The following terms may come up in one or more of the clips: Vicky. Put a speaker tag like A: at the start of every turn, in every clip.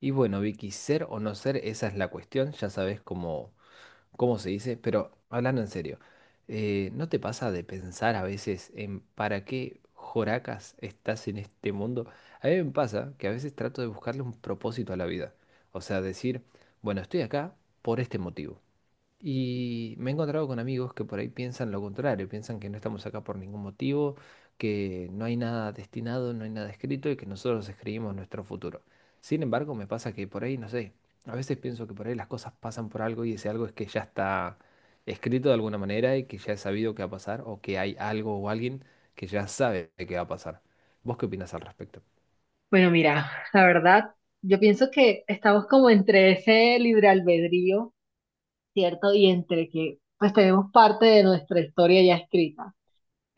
A: Y bueno, Vicky, ser o no ser, esa es la cuestión, ya sabes cómo se dice. Pero hablando en serio, ¿no te pasa de pensar a veces en para qué joracas estás en este mundo? A mí me pasa que a veces trato de buscarle un propósito a la vida, o sea, decir, bueno, estoy acá por este motivo. Y me he encontrado con amigos que por ahí piensan lo contrario, piensan que no estamos acá por ningún motivo, que no hay nada destinado, no hay nada escrito y que nosotros escribimos nuestro futuro. Sin embargo, me pasa que por ahí, no sé, a veces pienso que por ahí las cosas pasan por algo y ese algo es que ya está escrito de alguna manera y que ya he sabido que va a pasar o que hay algo o alguien que ya sabe que va a pasar. ¿Vos qué opinas al respecto?
B: Bueno, mira, la verdad, yo pienso que estamos como entre ese libre albedrío, ¿cierto? Y entre que pues tenemos parte de nuestra historia ya escrita.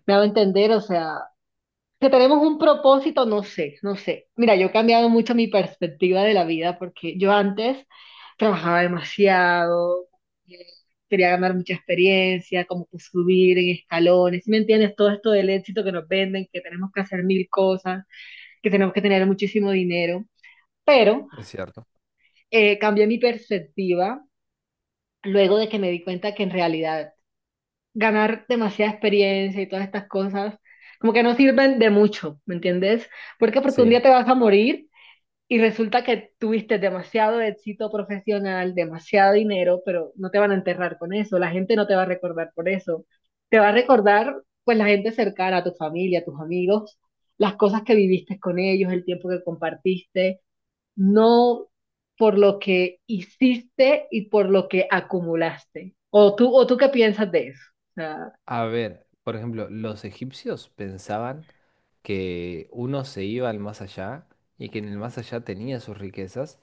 B: Me hago entender, o sea, que tenemos un propósito, no sé, no sé. Mira, yo he cambiado mucho mi perspectiva de la vida porque yo antes trabajaba demasiado, eh, quería ganar mucha experiencia, como que subir en escalones, ¿sí, me entiendes? Todo esto del éxito que nos venden, que tenemos que hacer mil cosas, que tenemos que tener muchísimo dinero. Pero
A: Es cierto.
B: cambié mi perspectiva luego de que me di cuenta que en realidad ganar demasiada experiencia y todas estas cosas como que no sirven de mucho, ¿me entiendes? ¿Por qué? Porque un día
A: Sí.
B: te vas a morir y resulta que tuviste demasiado éxito profesional, demasiado dinero, pero no te van a enterrar con eso, la gente no te va a recordar por eso, te va a recordar pues la gente cercana, tu familia, tus amigos, las cosas que viviste con ellos, el tiempo que compartiste no por lo que hiciste y por lo que acumulaste. O tú qué piensas de eso? O sea,
A: A ver, por ejemplo, los egipcios pensaban que uno se iba al más allá y que en el más allá tenía sus riquezas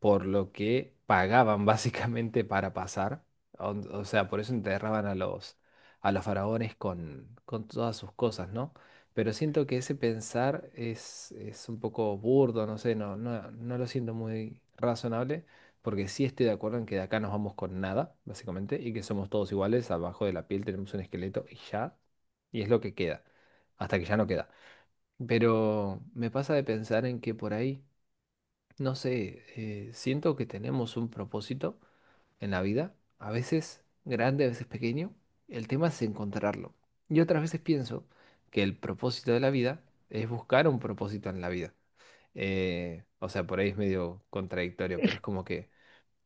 A: por lo que pagaban básicamente para pasar. O sea, por eso enterraban a a los faraones con todas sus cosas, ¿no? Pero siento que ese pensar es un poco burdo, no sé, no lo siento muy razonable, porque sí estoy de acuerdo en que de acá nos vamos con nada, básicamente, y que somos todos iguales, abajo de la piel tenemos un esqueleto y ya, y es lo que queda, hasta que ya no queda. Pero me pasa de pensar en que por ahí... No sé, siento que tenemos un propósito en la vida, a veces grande, a veces pequeño. El tema es encontrarlo. Y otras veces pienso que el propósito de la vida es buscar un propósito en la vida. O sea, por ahí es medio contradictorio, pero es como que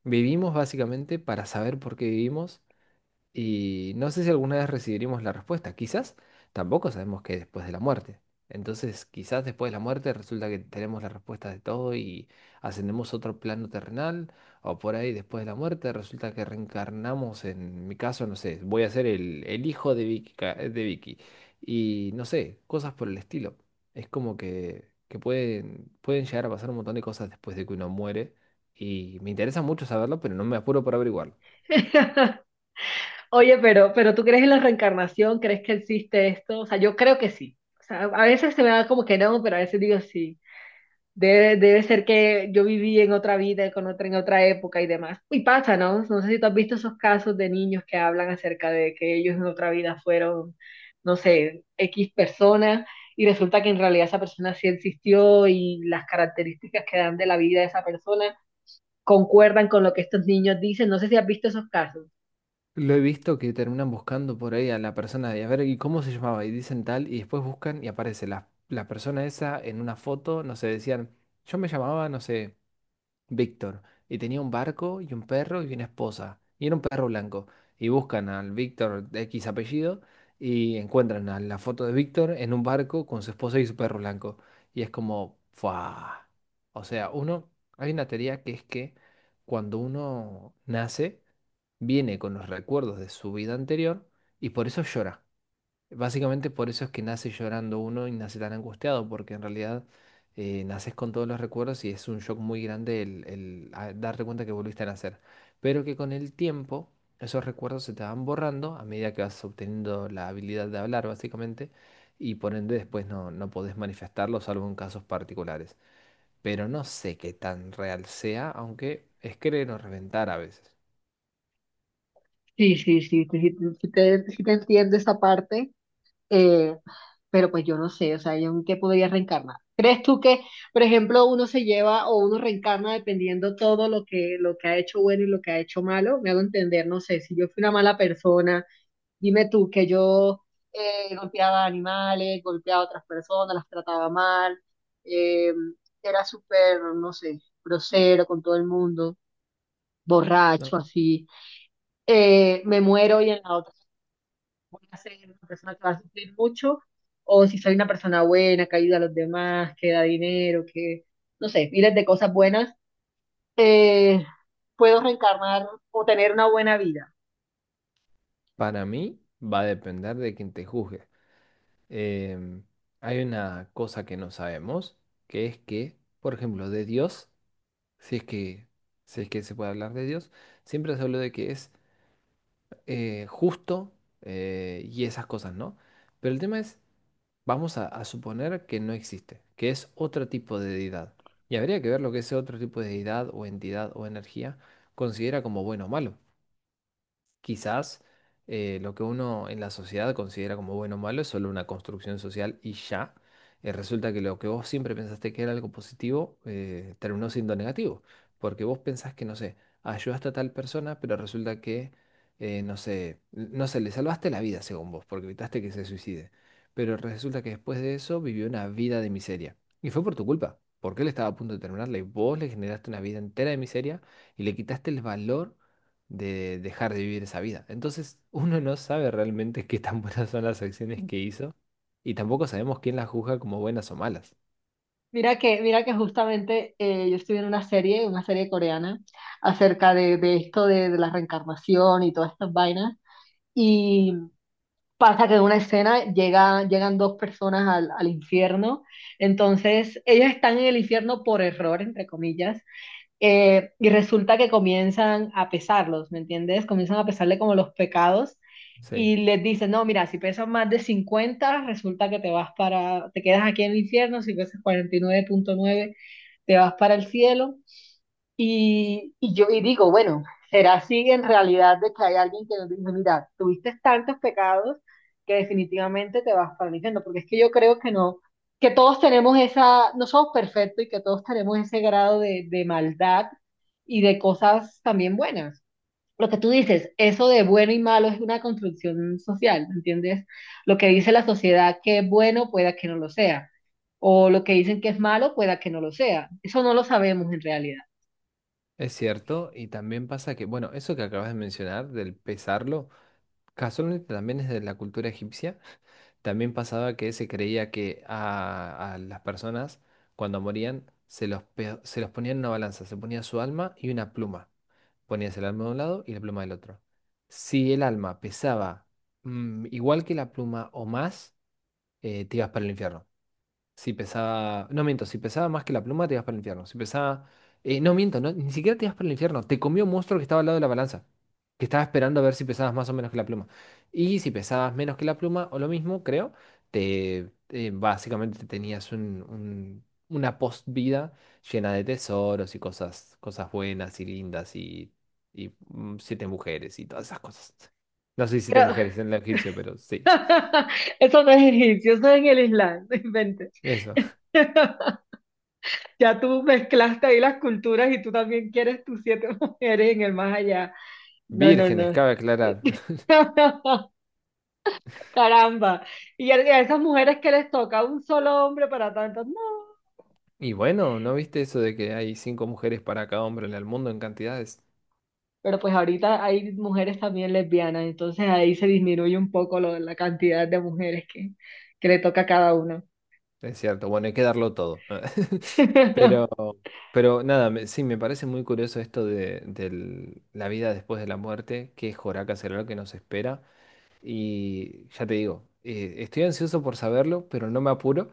A: vivimos básicamente para saber por qué vivimos y no sé si alguna vez recibiremos la respuesta. Quizás tampoco sabemos qué es después de la muerte. Entonces, quizás después de la muerte resulta que tenemos la respuesta de todo y ascendemos a otro plano terrenal. O por ahí, después de la muerte, resulta que reencarnamos. En mi caso, no sé, voy a ser el hijo de Vicky, de Vicky. Y no sé, cosas por el estilo. Es como que pueden llegar a pasar un montón de cosas después de que uno muere. Y me interesa mucho saberlo, pero no me apuro por averiguarlo.
B: Oye, pero, ¿pero tú crees en la reencarnación? ¿Crees que existe esto? O sea, yo creo que sí. O sea, a veces se me da como que no, pero a veces digo sí. Debe ser que yo viví en otra vida, con otra, en otra época y demás. Y pasa, ¿no? No sé si tú has visto esos casos de niños que hablan acerca de que ellos en otra vida fueron, no sé, X persona y resulta que en realidad esa persona sí existió y las características que dan de la vida de esa persona concuerdan con lo que estos niños dicen. No sé si has visto esos casos.
A: Lo he visto que terminan buscando por ahí a la persona de, a ver, ¿y cómo se llamaba? Y dicen tal, y después buscan y aparece la persona esa en una foto, no sé, decían, yo me llamaba, no sé. Víctor, y tenía un barco y un perro y una esposa, y era un perro blanco. Y buscan al Víctor de X apellido y encuentran a la foto de Víctor en un barco con su esposa y su perro blanco. Y es como, ¡fua! O sea, uno, hay una teoría que es que cuando uno nace, viene con los recuerdos de su vida anterior y por eso llora. Básicamente por eso es que nace llorando uno y nace tan angustiado, porque en realidad naces con todos los recuerdos y es un shock muy grande darte cuenta que volviste a nacer. Pero que con el tiempo esos recuerdos se te van borrando a medida que vas obteniendo la habilidad de hablar, básicamente, y por ende después no podés manifestarlo, salvo en casos particulares. Pero no sé qué tan real sea, aunque es querer o reventar a veces.
B: Sí, sí, sí, sí, sí, sí te entiendo esa parte. Eh, pero pues yo no sé, o sea, ¿yo en qué podría reencarnar? ¿Crees tú que, por ejemplo, uno se lleva o uno reencarna dependiendo todo lo que ha hecho bueno y lo que ha hecho malo? Me hago entender, no sé, si yo fui una mala persona, dime tú que yo golpeaba animales, golpeaba a otras personas, las trataba mal, eh, era súper, no sé, grosero con todo el mundo,
A: No.
B: borracho así, me muero y en la otra voy a ser una persona que va a sufrir mucho, o si soy una persona buena, que ayuda a los demás, que da dinero, que, no sé, miles de cosas buenas, eh, puedo reencarnar o tener una buena vida.
A: Para mí va a depender de quien te juzgue. em, Hay una cosa que no sabemos, que es que, por ejemplo, de Dios, si es que, si es que se puede hablar de Dios, siempre se habla de que es justo y esas cosas, ¿no? Pero el tema es, vamos a suponer que no existe, que es otro tipo de deidad. Y habría que ver lo que ese otro tipo de deidad o entidad o energía considera como bueno o malo. Quizás lo que uno en la sociedad considera como bueno o malo es solo una construcción social y ya. Resulta que lo que vos siempre pensaste que era algo positivo terminó siendo negativo, porque vos pensás que, no sé, ayudaste a tal persona, pero resulta que, no sé, no sé, le salvaste la vida según vos, porque evitaste que se suicide, pero resulta que después de eso vivió una vida de miseria. Y fue por tu culpa, porque él estaba a punto de terminarla y vos le generaste una vida entera de miseria y le quitaste el valor de dejar de vivir esa vida. Entonces, uno no sabe realmente qué tan buenas son las acciones que hizo y tampoco sabemos quién las juzga como buenas o malas.
B: Mira que justamente yo estuve en una serie coreana, acerca de esto de la reencarnación y todas estas vainas, y pasa que en una escena llegan dos personas al, al infierno, entonces ellas están en el infierno por error, entre comillas. Y resulta que comienzan a pesarlos, ¿me entiendes? Comienzan a pesarle como los pecados
A: Sí,
B: y les dicen, no, mira, si pesas más de 50 resulta que te vas para, te quedas aquí en el infierno, si pesas 49,9 te vas para el cielo. Y yo y digo, bueno, ¿será así en realidad de que hay alguien que nos dice, mira, tuviste tantos pecados que definitivamente te vas para el infierno? Porque es que yo creo que no, que todos tenemos esa, no somos perfectos y que todos tenemos ese grado de maldad y de cosas también buenas. Lo que tú dices, eso de bueno y malo es una construcción social, ¿me entiendes? Lo que dice la sociedad que es bueno pueda que no lo sea, o lo que dicen que es malo pueda que no lo sea. Eso no lo sabemos en realidad.
A: es cierto. Y también pasa que, bueno, eso que acabas de mencionar, del pesarlo, casualmente también es de la cultura egipcia. También pasaba que se creía que a las personas, cuando morían, se los ponía en una balanza, se ponía su alma y una pluma. Ponías el alma de un lado y la pluma del otro. Si el alma pesaba igual que la pluma o más, te ibas para el infierno. Si pesaba. No miento, si pesaba más que la pluma, te ibas para el infierno. Si pesaba. No miento, no, ni siquiera te ibas para el infierno. Te comió un monstruo que estaba al lado de la balanza. Que estaba esperando a ver si pesabas más o menos que la pluma. Y si pesabas menos que la pluma, o lo mismo, creo, te básicamente tenías una post-vida llena de tesoros y cosas, cosas buenas y lindas y siete mujeres y todas esas cosas. No sé si siete
B: Creo,
A: mujeres en el egipcio, pero sí.
B: eso no es egipcio, eso es en el Islam, no inventes.
A: Eso.
B: Ya tú mezclaste ahí las culturas y tú también quieres tus siete mujeres en el más allá. No, no,
A: Vírgenes,
B: no.
A: cabe aclarar.
B: Caramba. Y a esas mujeres que les toca un solo hombre para tantas, no.
A: Y bueno, ¿no viste eso de que hay 5 mujeres para cada hombre en el mundo en cantidades?
B: Pero pues ahorita hay mujeres también lesbianas, entonces ahí se disminuye un poco la cantidad de mujeres que le toca a cada uno.
A: Es cierto, bueno, hay que darlo todo. Pero, pero nada, sí, me parece muy curioso esto de, la vida después de la muerte, qué joraca será lo que nos espera. Y ya te digo, estoy ansioso por saberlo, pero no me apuro.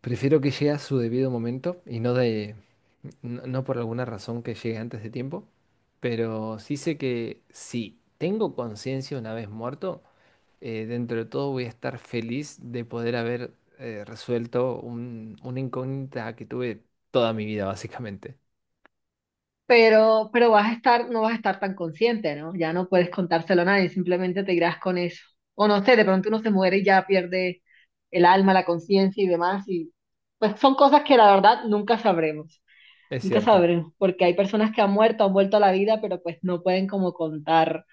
A: Prefiero que llegue a su debido momento y no de, no por alguna razón que llegue antes de tiempo, pero sí sé que si tengo conciencia una vez muerto, dentro de todo voy a estar feliz de poder haber resuelto una incógnita que tuve toda mi vida, básicamente.
B: Pero vas a estar, no vas a estar tan consciente, ¿no? Ya no puedes contárselo a nadie, simplemente te irás con eso. O no sé, de pronto uno se muere y ya pierde el alma, la conciencia y demás, y pues son cosas que la verdad nunca sabremos,
A: Es
B: nunca
A: cierto,
B: sabremos, porque hay personas que han muerto, han vuelto a la vida, pero pues no pueden como contar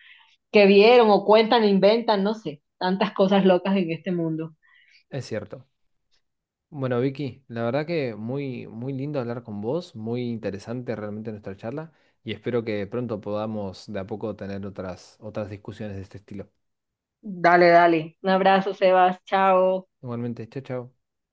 B: qué vieron o cuentan, inventan, no sé, tantas cosas locas en este mundo.
A: es cierto. Bueno, Vicky, la verdad que muy, muy lindo hablar con vos, muy interesante realmente nuestra charla y espero que pronto podamos de a poco tener otras discusiones de este estilo.
B: Dale, dale. Un abrazo, Sebas. Chao.
A: Igualmente, chao, chao.